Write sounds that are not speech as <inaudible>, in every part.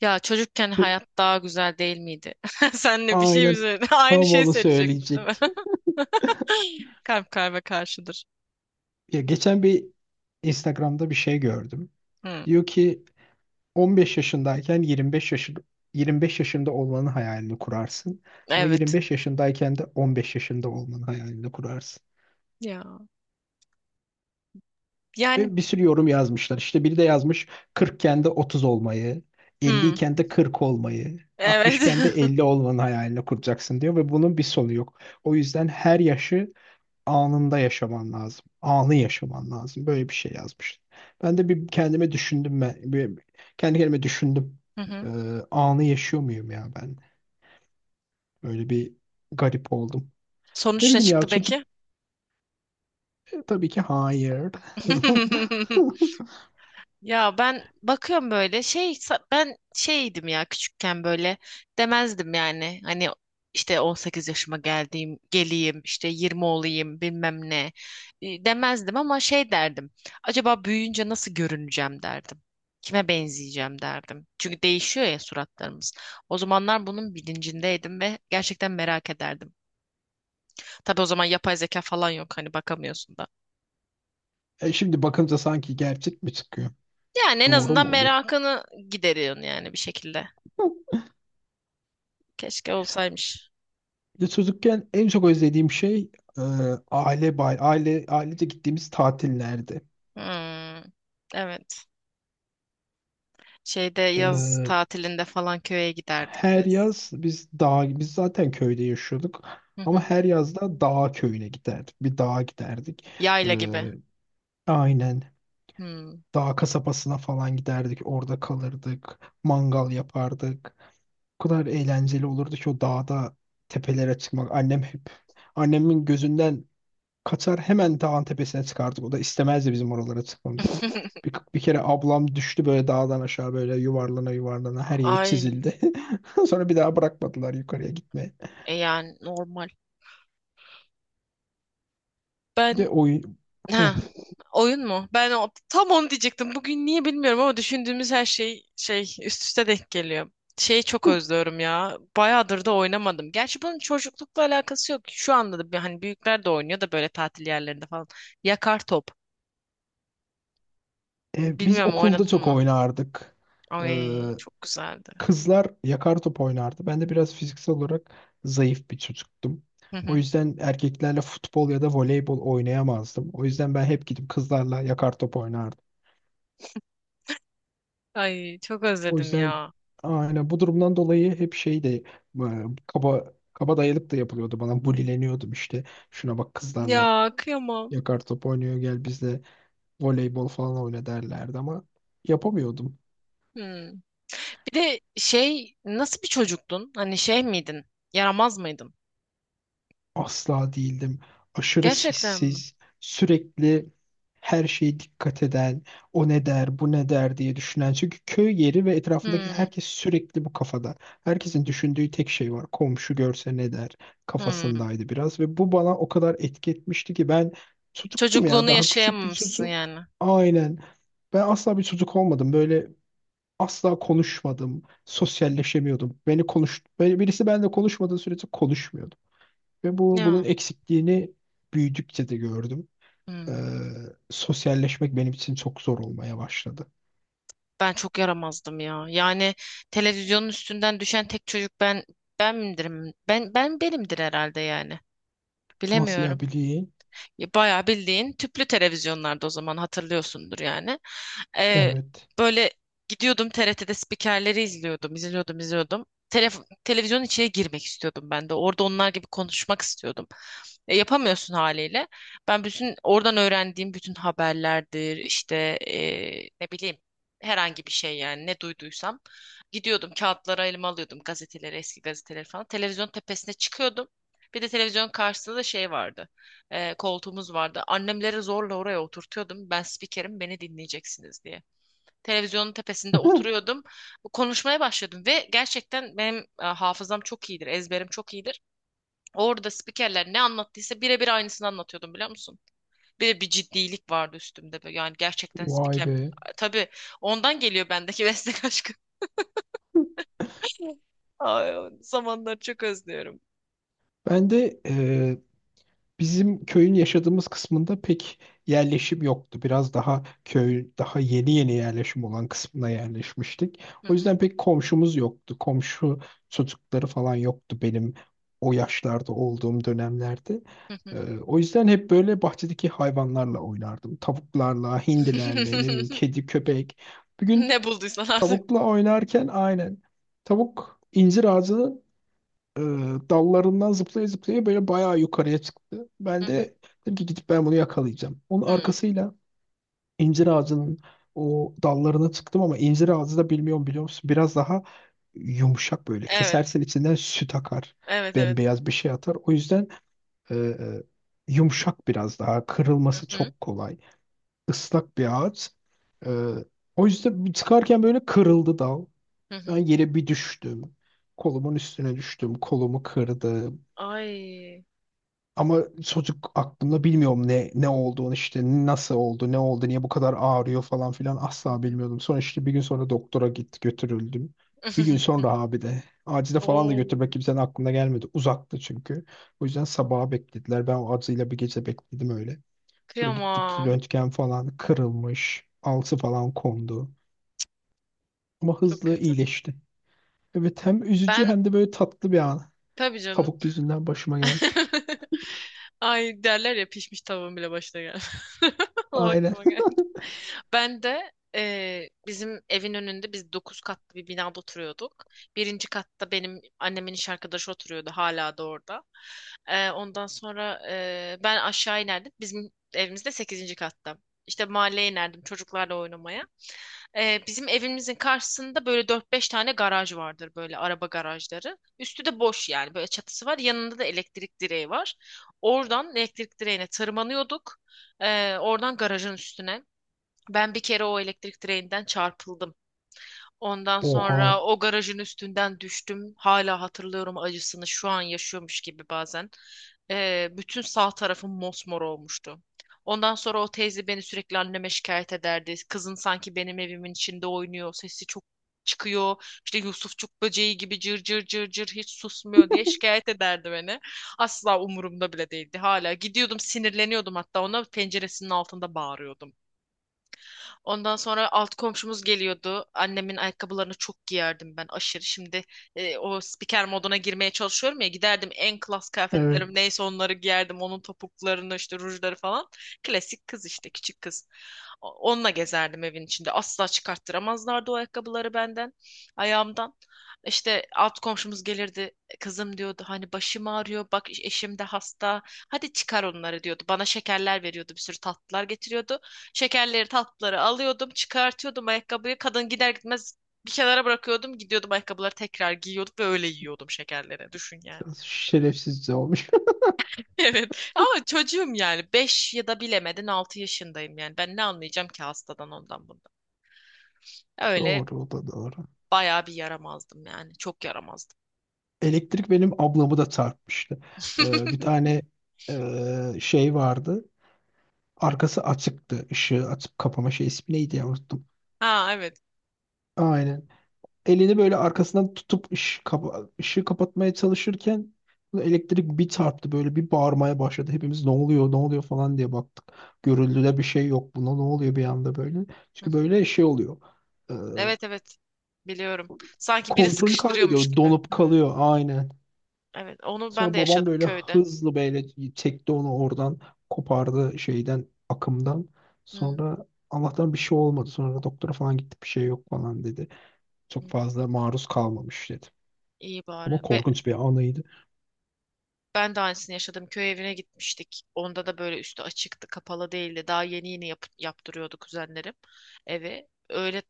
Ya çocukken hayat daha güzel değil miydi? <laughs> Senle bir şey mi Aynen, söyledin? <laughs> Aynı tam şeyi onu söyleyecektin değil mi? söyleyecektim. <laughs> <laughs> Kalp kalbe karşıdır. Ya geçen Instagram'da bir şey gördüm. Hı, Diyor ki 15 yaşındayken 25 yaşında olmanın hayalini kurarsın. Ama evet. 25 yaşındayken de 15 yaşında olmanın hayalini kurarsın. Ya. Yani Ve bir sürü yorum yazmışlar. İşte biri de yazmış, 40'ken de 30 olmayı, hı, 50'yken de 40 olmayı, evet. 60'ken de <laughs> 50 olmanın hayalini kuracaksın diyor ve bunun bir sonu yok. O yüzden her yaşı anında yaşaman lazım. Anı yaşaman lazım. Böyle bir şey yazmış. Ben de bir kendime düşündüm ben. Bir, Kendi kendime düşündüm. Hı hı. Ee, Anı yaşıyor muyum ya ben? Böyle bir garip oldum. Ne Sonuç ne bileyim ya çıktı çocuk peki? Tabii ki hayır. <laughs> <laughs> Ya ben bakıyorum böyle ben şeydim ya küçükken böyle demezdim yani hani işte 18 yaşıma geleyim, işte 20 olayım bilmem ne, demezdim ama şey derdim, acaba büyüyünce nasıl görüneceğim derdim, kime benzeyeceğim derdim, çünkü değişiyor ya suratlarımız. O zamanlar bunun bilincindeydim ve gerçekten merak ederdim. Tabii o zaman yapay zeka falan yok, hani bakamıyorsun da. E şimdi bakınca sanki gerçek mi çıkıyor? Yani en Doğru azından mu oluyor? merakını gideriyorsun yani bir şekilde. <laughs> Keşke olsaymış. Bir de çocukken en çok özlediğim şey e, aile ailece gittiğimiz tatillerdi. Hmm, evet. Şeyde E, yaz tatilinde falan köye giderdik Her biz. yaz biz zaten köyde yaşıyorduk Hı ama hı. her yaz da dağ köyüne giderdik. Bir dağa giderdik. Yayla gibi. Ee, aynen, Hmm. dağ kasabasına falan giderdik. Orada kalırdık. Mangal yapardık. O kadar eğlenceli olurdu ki o dağda tepelere çıkmak. Annemin gözünden Katar hemen dağın tepesine çıkardık. O da istemezdi bizim oralara çıkmamızı. <laughs> Bir kere ablam düştü böyle dağdan aşağı böyle yuvarlana yuvarlana, her yeri Ay, çizildi. <laughs> Sonra bir daha bırakmadılar yukarıya gitmeye. e yani normal. Bir Ben de oyun... Heh. ha, oyun mu? Tam onu diyecektim. Bugün niye bilmiyorum ama düşündüğümüz her şey şey üst üste denk geliyor. Şeyi çok özlüyorum ya. Bayağıdır da oynamadım. Gerçi bunun çocuklukla alakası yok. Şu anda da hani büyükler de oynuyor da böyle tatil yerlerinde falan. Yakar top. E, biz Bilmiyorum okulda oynadın çok mı? oynardık. Ee, Ay çok güzeldi. Kızlar yakar top oynardı. Ben de biraz fiziksel olarak zayıf bir çocuktum. Hı O hı. yüzden erkeklerle futbol ya da voleybol oynayamazdım. O yüzden ben hep gidip kızlarla yakar top oynardım. Ay çok O özledim yüzden, ya. aynen, bu durumdan dolayı hep kaba kaba dayalıp da yapılıyordu bana. Bulileniyordum işte. Şuna bak, kızlarla Ya kıyamam. yakar top oynuyor, gel bizle voleybol falan oyna derlerdi ama yapamıyordum. Hmm. Bir de şey, nasıl bir çocuktun? Hani şey miydin? Yaramaz mıydın? Asla değildim. Aşırı Gerçekten mi? sessiz, sürekli her şeye dikkat eden, o ne der, bu ne der diye düşünen. Çünkü köy yeri ve etrafındaki Hmm. herkes sürekli bu kafada. Herkesin düşündüğü tek şey var. Komşu görse ne der Hmm. kafasındaydı biraz. Ve bu bana o kadar etki etmişti ki ben çocuktum ya, Çocukluğunu daha küçük bir yaşayamamışsın çocuk. yani. Aynen. Ben asla bir çocuk olmadım. Böyle asla konuşmadım. Sosyalleşemiyordum. Böyle birisi benimle konuşmadığı sürece konuşmuyordum. Ve bunun Ya. eksikliğini büyüdükçe de gördüm. Ee, Hmm. Sosyalleşmek benim için çok zor olmaya başladı. Ben çok yaramazdım ya. Yani televizyonun üstünden düşen tek çocuk ben miydirim? Ben benimdir herhalde yani. Nasıl ya Bilemiyorum. bileyim? Ya bayağı bildiğin tüplü televizyonlarda, o zaman hatırlıyorsundur yani. Ee, Evet. böyle gidiyordum, TRT'de spikerleri izliyordum, izliyordum, izliyordum. Televizyonun içine girmek istiyordum ben de. Orada onlar gibi konuşmak istiyordum. E, yapamıyorsun haliyle. Ben bütün oradan öğrendiğim bütün haberlerdir, işte, ne bileyim, herhangi bir şey yani ne duyduysam. Gidiyordum, kağıtlara, elime alıyordum gazeteleri, eski gazeteleri falan. Televizyon tepesine çıkıyordum. Bir de televizyonun karşısında da şey vardı, koltuğumuz vardı. Annemleri zorla oraya oturtuyordum. Ben spikerim, beni dinleyeceksiniz diye. Televizyonun tepesinde <laughs> oturuyordum. Konuşmaya başladım ve gerçekten benim hafızam çok iyidir, ezberim çok iyidir. Orada spikerler ne anlattıysa birebir aynısını anlatıyordum, biliyor musun? Bir de bir ciddilik vardı üstümde, böyle. Yani gerçekten Vay spiker. be. Tabii ondan geliyor bendeki meslek aşkı. <laughs> Ay, o zamanları çok özlüyorum. Ben de bizim köyün yaşadığımız kısmında pek yerleşim yoktu. Biraz daha köy, daha yeni yeni yerleşim olan kısmına yerleşmiştik. Hı O hı, yüzden pek komşumuz yoktu. Komşu çocukları falan yoktu benim o yaşlarda olduğum dönemlerde. hı hı. O yüzden hep böyle bahçedeki hayvanlarla oynardım. Tavuklarla, hindilerle, ne bileyim <laughs> kedi, köpek. Bir gün Ne bulduysan artık. tavukla oynarken, aynen, tavuk incir ağacını e, dallarından zıplaya zıplaya böyle bayağı yukarıya çıktı. Hı Ben hı, de dedim ki gidip ben bunu yakalayacağım. Onun hı. arkasıyla incir ağacının o dallarına çıktım ama incir ağacı da bilmiyorum biliyor musun? Biraz daha yumuşak böyle. Evet, Kesersen içinden süt akar. evet, evet. Bembeyaz bir şey atar. O yüzden e, e, yumuşak biraz daha. Hı Kırılması hı. çok kolay. Islak bir ağaç. E, O yüzden çıkarken böyle kırıldı dal. Hı Ben hı. yere bir düştüm. Kolumun üstüne düştüm. Kolumu kırdı. Ay. Ama çocuk aklımda bilmiyorum ne olduğunu, işte nasıl oldu, ne oldu, niye bu kadar ağrıyor falan filan Hı asla hı. bilmiyordum. Sonra işte bir gün sonra doktora götürüldüm. Bir gün <laughs> sonra abi de acile falan da Oo, götürmek kimsenin aklına gelmedi. Uzaktı çünkü. O yüzden sabaha beklediler. Ben o acıyla bir gece bekledim öyle. Sonra gittik, kıyamam. röntgen falan, kırılmış. Alçı falan kondu. Ama Çok hızlı kötü. iyileşti. Evet, hem üzücü Ben, hem de böyle tatlı bir an. tabii canım. Tavuk yüzünden başıma gelmiş. <laughs> Ay, derler ya, pişmiş tavuğun bile başına gel. <laughs> O Aynen. aklıma geldi. <laughs> Ben de bizim evin önünde, biz 9 katlı bir binada oturuyorduk. Birinci katta benim annemin iş arkadaşı oturuyordu, hala da orada. Ondan sonra ben aşağı inerdim. Bizim evimiz de 8. katta. İşte mahalleye inerdim çocuklarla oynamaya. Bizim evimizin karşısında böyle dört beş tane garaj vardır, böyle araba garajları. Üstü de boş yani, böyle çatısı var. Yanında da elektrik direği var. Oradan elektrik direğine tırmanıyorduk. Oradan garajın üstüne. Ben bir kere o elektrik direğinden çarpıldım. Ondan sonra Oha. o garajın üstünden düştüm. Hala hatırlıyorum acısını, şu an yaşıyormuş gibi bazen. Bütün sağ tarafım mosmor olmuştu. Ondan sonra o teyze beni sürekli anneme şikayet ederdi. Kızın sanki benim evimin içinde oynuyor. Sesi çok çıkıyor. İşte Yusufçuk böceği gibi cır cır cır cır hiç susmuyor diye şikayet ederdi beni. Asla umurumda bile değildi. Hala gidiyordum, sinirleniyordum, hatta ona penceresinin altında bağırıyordum. Ondan sonra alt komşumuz geliyordu. Annemin ayakkabılarını çok giyerdim ben, aşırı. Şimdi o spiker moduna girmeye çalışıyorum ya, giderdim en klas kıyafetlerim Evet. neyse onları giyerdim. Onun topuklarını, işte rujları falan. Klasik kız işte, küçük kız. Onunla gezerdim evin içinde. Asla çıkarttıramazlardı o ayakkabıları benden, ayağımdan. İşte alt komşumuz gelirdi. Kızım, diyordu, hani başım ağrıyor, bak eşim de hasta. Hadi çıkar onları, diyordu. Bana şekerler veriyordu, bir sürü tatlılar getiriyordu. Şekerleri, tatlıları alıyordum, çıkartıyordum ayakkabıyı. Kadın gider gitmez bir kenara bırakıyordum, gidiyordum ayakkabıları tekrar giyiyordum ve öyle yiyordum şekerleri. Düşün yani. <laughs> Biraz şerefsizce olmuş. Evet, ama çocuğum yani, 5 ya da bilemedin 6 yaşındayım yani, ben ne anlayacağım ki hastadan, ondan bundan. <laughs> Öyle Doğru, o da doğru. bayağı bir yaramazdım yani, çok yaramazdım. Elektrik benim ablamı da çarpmıştı. Bir <laughs> tane şey vardı. Arkası açıktı. Işığı açıp kapama şey, ismi neydi ya, unuttum. Ha, evet. Aynen. Elini böyle arkasından tutup ışığı kapatmaya çalışırken elektrik bir çarptı, böyle bir bağırmaya başladı. Hepimiz ne oluyor, ne oluyor falan diye baktık. Görüldüde bir şey yok, buna ne oluyor bir anda böyle. Hı. Çünkü böyle şey oluyor, e, Evet, evet. Biliyorum. Sanki biri kontrolü sıkıştırıyormuş kaybediyor, gibi. donup Hı. kalıyor aynen. Evet, onu ben Sonra de babam yaşadım böyle köyde. hızlı böyle çekti onu oradan, kopardı şeyden, akımdan. Hı. Sonra Allah'tan bir şey olmadı. Sonra doktora falan gittik, bir şey yok falan dedi. Hı. Çok fazla maruz kalmamış dedi. İyi Ama bari. Korkunç bir anıydı. Ben de aynısını yaşadım. Köy evine gitmiştik. Onda da böyle üstü açıktı, kapalı değildi. Daha yeni yeni yaptırıyordu kuzenlerim eve. Öyle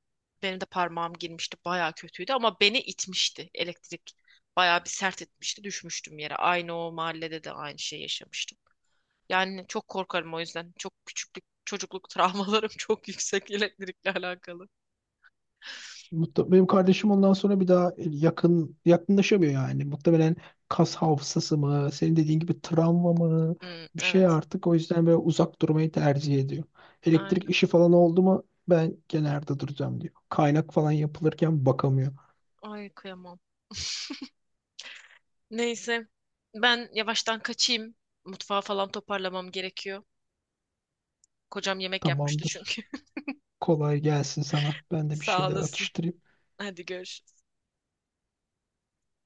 benim de parmağım girmişti. Baya kötüydü, ama beni itmişti elektrik. Baya bir sert etmişti. Düşmüştüm yere. Aynı o mahallede de aynı şey yaşamıştım. Yani çok korkarım o yüzden. Çok küçüklük, çocukluk travmalarım <laughs> çok yüksek, elektrikle alakalı. Benim kardeşim ondan sonra bir daha yakınlaşamıyor yani. Muhtemelen kas hafızası mı, senin dediğin gibi travma mı, Hmm, bir şey evet. artık, o yüzden böyle uzak durmayı tercih ediyor. Aynen. Elektrik işi falan oldu mu ben kenarda duracağım diyor. Kaynak falan yapılırken bakamıyor. Ay kıyamam. Neyse. Ben yavaştan kaçayım. Mutfağı falan toparlamam gerekiyor. Kocam yemek yapmıştı Tamamdır. çünkü. Kolay gelsin sana. <laughs> Ben de bir Sağ şeyler olasın. atıştırayım. Hadi görüşürüz.